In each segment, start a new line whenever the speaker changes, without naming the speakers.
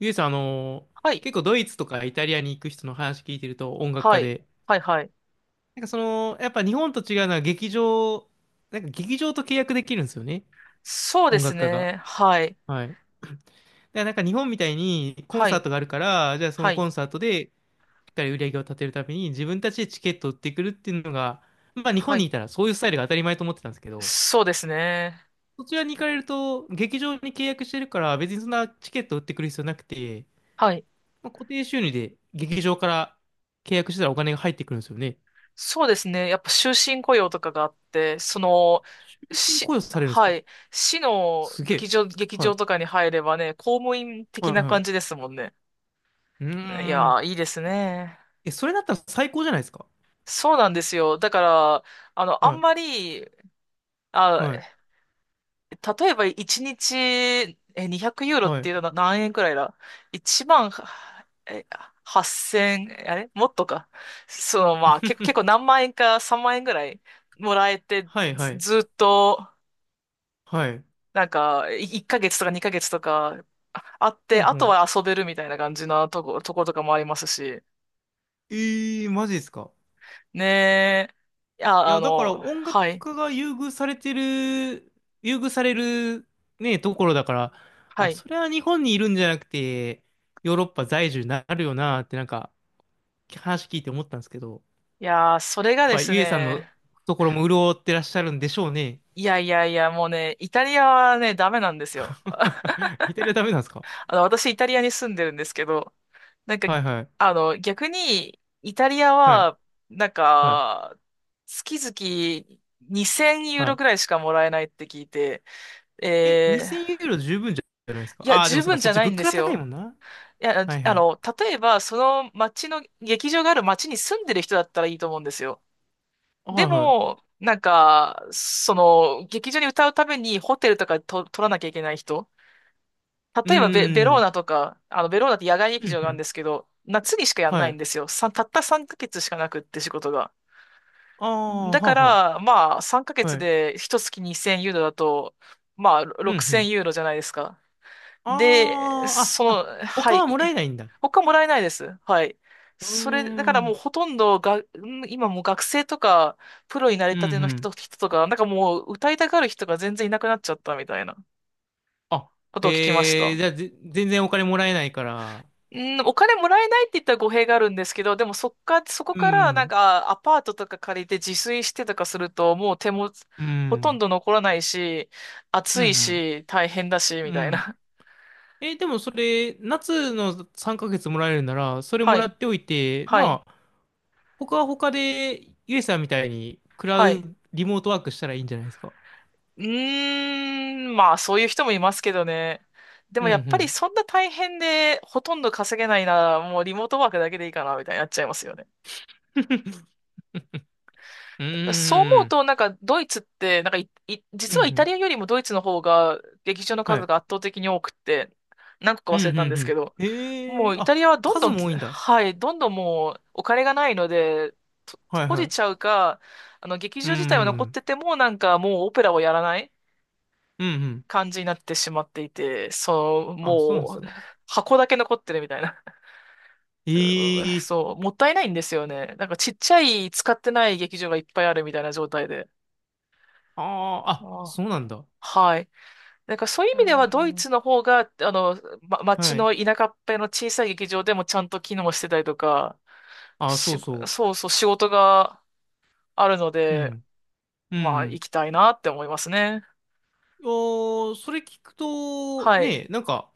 ゆえさん、
はい。
結構ドイツとかイタリアに行く人の話聞いてると音楽
は
家
い。
で、
はい。はい。
なんかその、やっぱ日本と違うのは劇場、なんか劇場と契約できるんですよね、
そうで
音
す
楽家が。
ね。はい。
はい。だからなんか日本みたいにコン
は
サー
い。
トがあるから、じゃあそ
は
のコ
い。
ンサートでしっかり売り上げを立てるために自分たちでチケットを売ってくるっていうのが、まあ日
は
本に
い。
いたらそういうスタイルが当たり前と思ってたんですけど、
そうですね。
そちらに行かれると劇場に契約してるから別にそんなチケットを売ってくる必要なくて、
はい。
まあ、固定収入で劇場から契約したらお金が入ってくるんですよね。
そうですね。やっぱ終身雇用とかがあって、
終身雇用されるんです
は
か？
い。市の
すげ
劇
え。
場、劇
は
場
い。
とかに入ればね、公務員
は
的
い
な
は
感じ
い。
ですもんね。
う
い
ー
や
ん。
ー、いいですね。
え、それだったら最高じゃないですか？
そうなんですよ。だから、あ
は
ん
い。
まり、あ、
はい。
例えば1日、200ユーロっ
は
て
い。
いうのは何円くらいだ ?1 万、え、8000、あれもっとか。まあ、結構 何万円か3万円ぐらいもらえて、
はいはい
ずっと、
はい。
なんか、1ヶ月とか2ヶ月とかあっ
ほ
て、
ん
あ
ほ
と
ん。
は遊べるみたいな感じなとことかもありますし。
ええー、マジですか？
ねえ。い
い
や、
や、だから音楽
はい、
家が優遇されてる、優遇されるね、ところだから、
は
あ、
い。
それは日本にいるんじゃなくて、ヨーロッパ在住になるよなってなんか話聞いて思ったんですけど、
いやー、それがで
ぱ
す
ゆえさんの
ね、
ところも潤ってらっしゃるんでしょうね。
いやいやいや、もうね、イタリアはね、ダメなんですよ。
イタリアダメなんですか？
私、イタリアに住んでるんですけど、なんか、
はいはい。
逆に、イタリア
はい。
は、なん
はい。
か、月々2000ユー
は
ロ
い。
くらいしかもらえないって聞いて、
え、
え
2000
ー、
ユーロ十分じゃないですか？
いや、
ああー、で
十
もそっか、
分じ
そっ
ゃ
ち
ない
物
ん
価
で
が
す
高い
よ。
もんな。
いや、
はいはい。
例えば、その町の、劇場がある町に住んでる人だったらいいと思うんですよ。
は
で
いはい。
も、なんか、劇場に歌うためにホテルとかと取らなきゃいけない人。
う
例えばベ、ベ
ー
ロー
ん。
ナとか、ベローナって野外
う
劇
ん
場
う
があるん
ん。
ですけど、夏にしかやんな
は
いん
い。
ですよ。たった3ヶ月しかなくって仕事が。
ああ、
だ
は
か
あは
ら、まあ、3ヶ
あ。
月
はい。
で一月2000ユーロだと、まあ、
うんう
6000
ん。
ユーロじゃないですか。で、
ああ、あ、あ、
は
他
い。
はもらえないんだ。
他もらえないです。はい。
うー
それ、だからもう
ん。
ほとんどが、今もう学生とか、プロになり
うん
たて
う
の人、
ん。
人とか、なんかもう歌いたがる人が全然いなくなっちゃったみたいな
あ、
ことを聞きまし
へえ、
た。
じゃあ、全然お金もらえないから。
うん、お金もらえないって言ったら語弊があるんですけど、でもそっか、そこ
う
からなん
ん。
かアパートとか借りて自炊してとかすると、もう手も
う
ほとん
ん。
ど残らないし、
うん
暑
う
い
ん。
し、大変だし、
う
みたい
ん。
な。
え、でもそれ、夏の3ヶ月もらえるなら、そ れも
は
ら
い、
っておいて、
はい、
まあ、他は他で、ゆえさんみたいに、クラ
はい。
ウ、リモートワークしたらいいんじゃないですか。
うーん、まあそういう人もいますけどね。で
う
も
んう
やっぱり
ん。
そんな大変でほとんど稼げないなら、もうリモートワークだけでいいかな、みたいになっちゃいますよね。
う
そう
ー
思う
ん。
と、なんか、ドイツって、なんか、
うん
実
う
はイタリ
ん。
アよりもドイツの方が、劇場の
は
数
い。
が圧倒的に多くって、何個か
うん
忘れ
うん
たんで
う
すけ
ん。
ど、
へ
も
え、
うイタリア
あ、
はどんど
数
ん、
も多いんだ。
はい、どんどんもうお金がないので、と
はい
閉
は
じちゃ
い。
うか、劇
うん。
場自体は
う
残っ
ん
てても、なんかもうオペラをやらない
うん。
感じになってしまっていて、そう、
あ、そうなんです
もう、
か？
箱だけ残ってるみたいな。
え
うん
え、
そう、もったいないんですよね。なんかちっちゃい使ってない劇場がいっぱいあるみたいな状態で。
ああ、
あ
あ、
あ
そうなんだ。
はい。なんかそういう意
え
味ではドイ
ー、
ツの方が、町
はい。
の田舎っぺの小さい劇場でもちゃんと機能してたりとか、
あ、そう
し、
そ
そうそう仕事があるの
う。う
で、
ん。うん
まあ
う
行
ん。
きたいなって思いますね。
いやーそれ聞くと、
はい。
ね、なんか、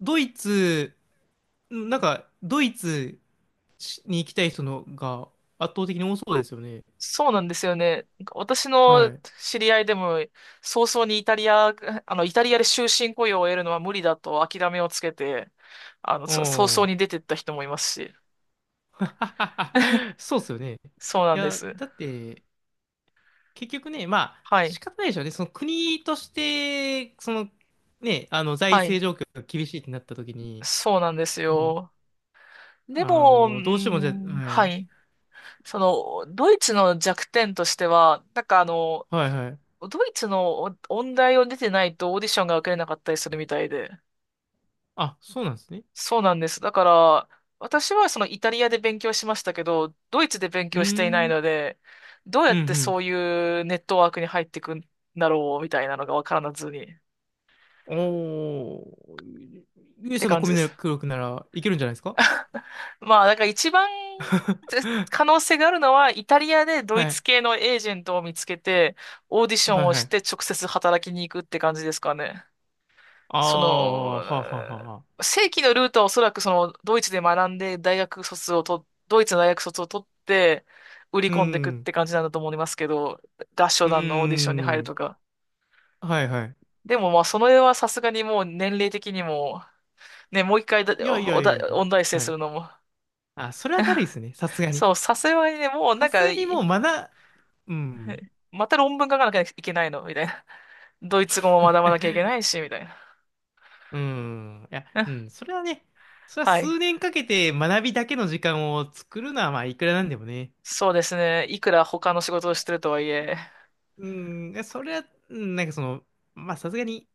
ドイツ、なんか、ドイツに行きたい人のが圧倒的に多そうですよね。
そうなんですよね。なんか私
は
の
い。
知り合いでも、早々にイタリア、あの、イタリアで終身雇用を得るのは無理だと諦めをつけて、
う
早々
ん。
に出てった人もいますし。
そうですよね。い
そうなんで
や、
す。
だって、結局ね、まあ、
はい。
仕方ないでしょうね。その国として、その、ね、あの、財
はい。
政状況が厳しいってなった時に、
そうなんです
ね、
よ。で
あ
も、うー
の、どうしてもじゃ、
ん、
は
は
い。
い。そドイツの弱点としては、
はいはい。
ドイツの音大を出てないとオーディションが受けれなかったりするみたいで。
あ、そうなんですね。
そうなんです。だから、私はイタリアで勉強しましたけど、ドイツで勉
う
強していない
ー
の
ん。
で、どうや
う
って
ん
そういうネットワークに入っていくんだろう、みたいなのがわからずに、っ
うん。おー。勇
て
者の
感
コ
じ
ミ
で
ュ
す。
力ならいけるんじゃないですか？
まあ、だから一番可能性があるのは、イタリアでド
は
イツ
い。
系のエージェントを見つけて、オーディショ
は
ン
い
を
は
し
い。
て直接働きに行くって感じですかね。
あ
その、
あ、はあはあはあはあ。
正規のルートはおそらくそのドイツで学んで大学卒をと、ドイツの大学卒を取って売り
う
込んでいくっ
ん。
て感じなんだと思いますけど、合唱
う
団のオーディションに入る
ん。
とか。
はいはい。
でもまあその絵はさすがにもう年齢的にも、ね、もう一回だ、
いやい
お、
や
お
い
だ、
や。
音大生
は
す
い。
るのも。
あ、それはだるいで すね。さすがに。
そう、さすがにね、もう
さ
なん
す
か、
がにもうまだ、うん。
また論文書かなきゃいけないのみたいな。ドイツ語も学ばなきゃいけ ないし、みたいな。
うん。いや、う ん。それはね、それは
はい。
数年かけて学びだけの時間を作るのは、まあ、いくらなんでもね。
そうですね。いくら他の仕事をしてるとはいえ、
うん。いやそれは、うんなんかその、まあ、さすがに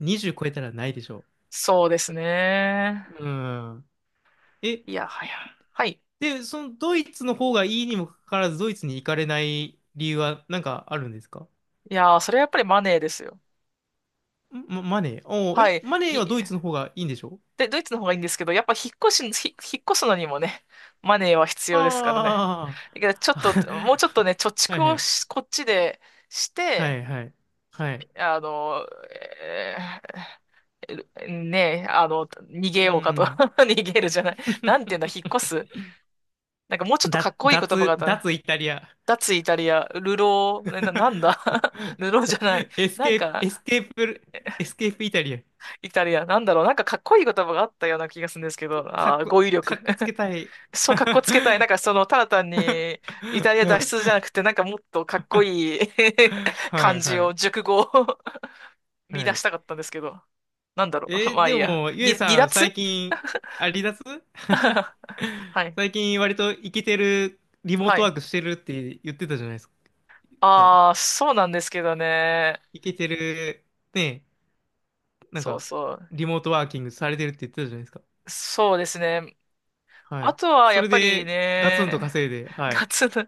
20超えたらないでしょ
そうですね。
う。うん。え、
いや、はや。はい。
で、そのドイツの方がいいにもかかわらず、ドイツに行かれない理由はなんかあるんですか？
いやー、それはやっぱりマネーですよ。
マネー。おー
は
え、マネ
い。
ーはドイツの方がいいんでしょ？
で、ドイツの方がいいんですけど、やっぱ引っ越すのにもね、マネーは必要ですからね。
あ
だけど、ちょっ
あ
と、もうち
ー。
ょっとね、貯
は
蓄
いは
を
い。
しこっちでし
は
て、
いはい。はい。
あの、ねえ、逃
う
げようかと。
ん。
逃げるじゃない。なんていうんだ、引っ越す。なんかもうちょっとかっ
だ、
こいい言葉があ
脱、
ったね。
脱イタリア。
脱イタリア、流浪、なんだ 流浪じゃない。
エス
なん
ケープ、
か、
エスケープ、エスケープイタリア。
イタリア、なんだろう。なんかかっこいい言葉があったような気がするんですけど、
か
あ
っ
あ、
こ、
語彙
か
力。
っこつけ たい。
そう、かっこつけたい。な
は
んかただ単に、イタリア脱出じゃなくて、なんかもっとかっこいい 漢
いは
字を、
い。
熟語を
は
見出し
い。
たかったんですけど、なんだろう。
え ー
まあ
で
いいや。
も、ゆえ
離、離
さん、最
脱
近、あ、離脱
は い。
最近、割とイケてる、リモー
は
トワ
い。
ークしてるって言ってたじゃないですか。
ああ、そうなんですけどね。
イケてる、ね、なん
そう
か、
そう。
リモートワーキングされてるって言ってたじゃないですか。
そうですね。
は
あ
い。
とは、
そ
やっ
れ
ぱり
で、ガツンと
ね、
稼いで、はい。
ガツン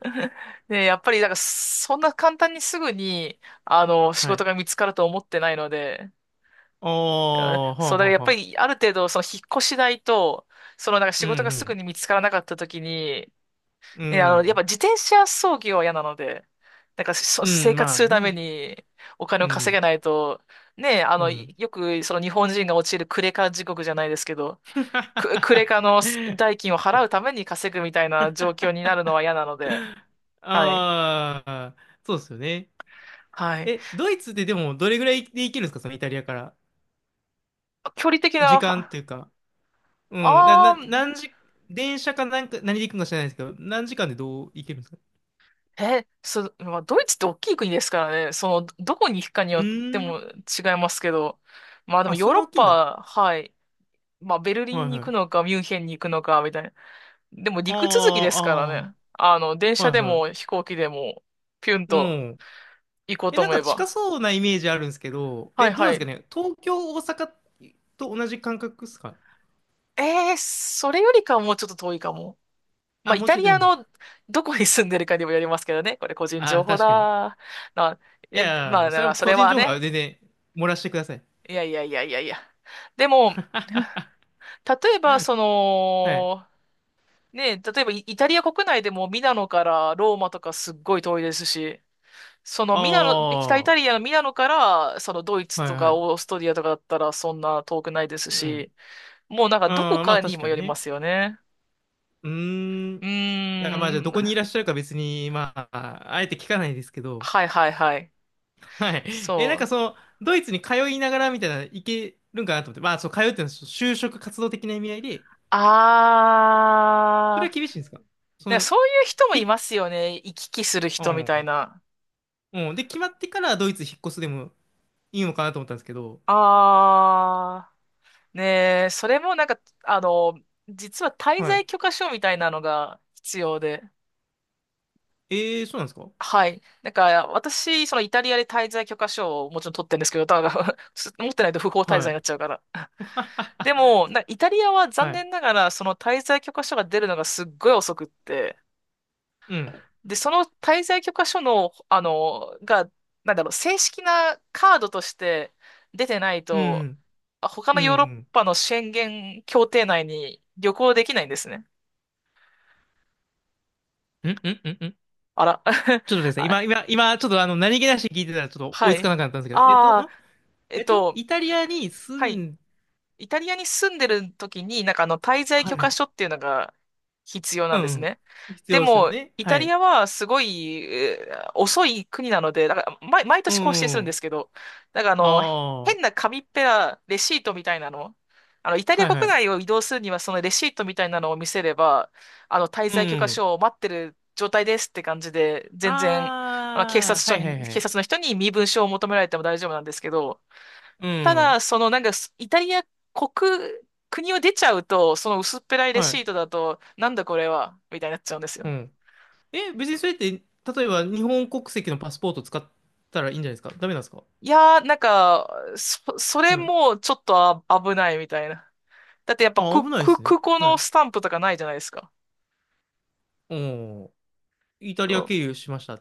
ね、やっぱり、だから、そんな簡単にすぐに、仕
は
事
い。
が見つかると思ってないので、
あ あ、は
そ
あ
う、だか
は
ら
あ
やっ
は
ぱ
あ。
り、ある程度、引っ越し代と、なんか仕
う
事がすぐ
ん、
に見つからなかった時に、
うん。
ね、
う
やっぱ
ん。
自転車操業は嫌なので、なんか
う
生
ん、
活
ま
す
あ
るため
ね。
にお金
う
を稼
ん、
げないと、ねえ、
うん。
よくその日本人が陥るクレカ地獄じゃないですけど、クレカの代金を払うために稼ぐみたいな状況になるのは嫌なので、はい。
ああ、そうですよね。
はい。
え、ドイツってでもどれぐらいで行けるんですか、そのイタリアから。
距離的
時
な、
間って
は
いうか。うん。
あー、
何時、電車かなんか、何で行くのか知らないですけど、何時間でどう行けるんですか？
え、そ、まあ、ドイツって大きい国ですからね、どこに行くかによ
う
って
ーん。
も違いますけど、まあでも
あ、
ヨ
そ
ー
ん
ロ
な
ッ
大きいんだ。
パ、はい。まあ、ベルリ
は
ン
い
に
は
行くの
い。
か、ミュンヘンに行くのか、みたいな。でも、陸続き
あ
ですから
あ、
ね。電
ああ、
車
はい
で
は
も
い。
飛行機でも、ピュン
う
と
ん。
行こう
え、
と
なん
思
か
え
近
ば。
そうなイメージあるんですけど、
は
え、
い
どう
は
なんですか
い。
ね。東京、大阪と同じ感覚ですか？
それよりかはもうちょっと遠いかも。まあ、
あ、
イ
もう
タ
ちょいと
リ
いいん
ア
だ。
のどこに住んでるかにもよりますけどね。これ個人
あ
情
あ、
報
確かに。
だ。な、
い
ま
や、
あ、
それは
そ
個
れ
人
は
情報は
ね。
全然漏らしてください。
いやいやいやいやいや。でも、例えば、
はい。
例えばイタリア国内でもミラノからローマとかすっごい遠いですし、その
あ
ミラノ、北イ
あ、
タ
は
リアのミラノから、そのドイ
い
ツと
は
か
い。
オーストリアとかだったらそんな遠くないです
うん。
し、もうなんかどこ
あーまあ
かに
確
も
か
よ
に
りま
ね。
すよね。
うーん。い
う
や、まあ
ー
じゃあどこに
ん。
いらっしゃるか別に、まあ、あえて聞かないですけど。
はいはいはい。
はい。え、なん
そ
か
う。
その、ドイツに通いながらみたいな、いけるんかなと思って。まあ、そう、通うっていうのは就職活動的な意味合いで、それは
あー。
厳しいんですか？そ
ね、
の、
そういう人もい
ひ、
ますよね。行き来する
う
人みたい
ん。
な。
うん。で、決まってからドイツ引っ越すでもいいのかなと思ったんですけど。
あー。ねえ、それもなんか、実は滞
はい。
在許可証みたいなのが必要で。
えー、そうなんですか？
はい。なんか、私、そのイタリアで滞在許可証をもちろん取ってるんですけど、ただ 持ってないと不法滞
は
在に
い。
なっちゃうから。でも、イタリアは残
はい。
念ながら、その滞在許可証が出るのがすっごい遅くって、
うん。
で、その滞在許可証の、あの、が、なんだろう、正式なカードとして出てない
う
と、
ん。
他
う
の
ん。う
ヨーロッ
ん。
パの宣言協定内に旅行できないんですね。
うんうんうんうん。
あら。
ちょっとですね、今、
あ、
今、今、ちょっとあの、何気なしに聞いてたらちょっと追
は
いつか
い。
なかったんですけど、
ああ、えっと、
イタリアに住
はい。
ん、
イタリアに住んでる時に、滞在
は
許
いは
可
い。
書っていうのが必要な
う
んです
ん。
ね。
必
で
要ですよ
も、
ね。
イタ
は
リ
い。
アはすごい、遅い国なので、だから毎
う
年更新するんで
ん。
すけど、なんかあ
あ
の、
あ、は
変な紙っぺらレシートみたいなの、あの、イタリ
い
ア
は
国
い。
内を移動するには、そのレシートみたいなのを見せれば、あの、滞
う
在許可
ん。
書を待ってる状態ですって感じで、全然、
ああ、はいはいは
警
い。
察の人に身分証を求められても大丈夫なんですけど、
う
た
ん。
だ、そのなんかす、イタリア国、国を出ちゃうと、その薄っぺらいレ
は
シ
い。
ートだと、なんだこれは、みたいになっちゃうんです
う
よ。
ん。え、別にそれって、例えば日本国籍のパスポート使ったらいいんじゃないですか？ダメなんですか？
いやー、なんか、それ
はい。
もちょっと危ないみたいな。だってやっぱ
あ、危ないですね。
空港
は
の
い。
スタンプとかないじゃないですか。
おー、イタ
う
リア
ん、
経由しましたっ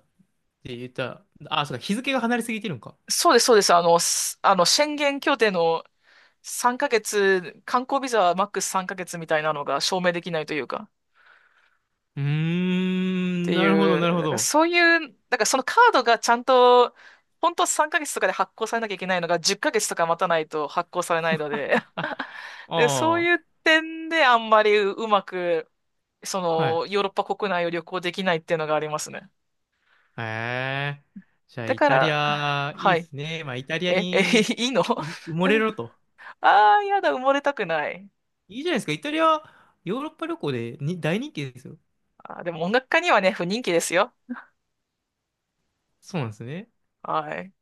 て言ったら、あ、そうか、日付が離れすぎてるんか。
そうです、そうです。宣言協定の3ヶ月、観光ビザはマックス3ヶ月みたいなのが証明できないというか。
うー
っ
ん、
て
なるほ
い
ど、
う、
なる
だ
ほ
から
ど。
そういう、だからそのカードがちゃんと、本当3ヶ月とかで発行されなきゃいけないのが10ヶ月とか待たないと発行されないので、
あ、
で、そう
ああ、
いう点であんまりうまく、そ
はい。
の、ヨーロッパ国内を旅行できないっていうのがありますね。
へえ。じゃあ、
だ
イ
か
タリ
ら、
ア、い
は
いっ
い。
すね。まあ、イタリア
え、え、
に
いいの
埋もれろと。
あ あー、やだ、埋もれたくない。
いいじゃないですか。イタリア、ヨーロッパ旅行でに大人気ですよ。
あー、でも音楽家にはね、不人気ですよ。
そうなんですね。
はい。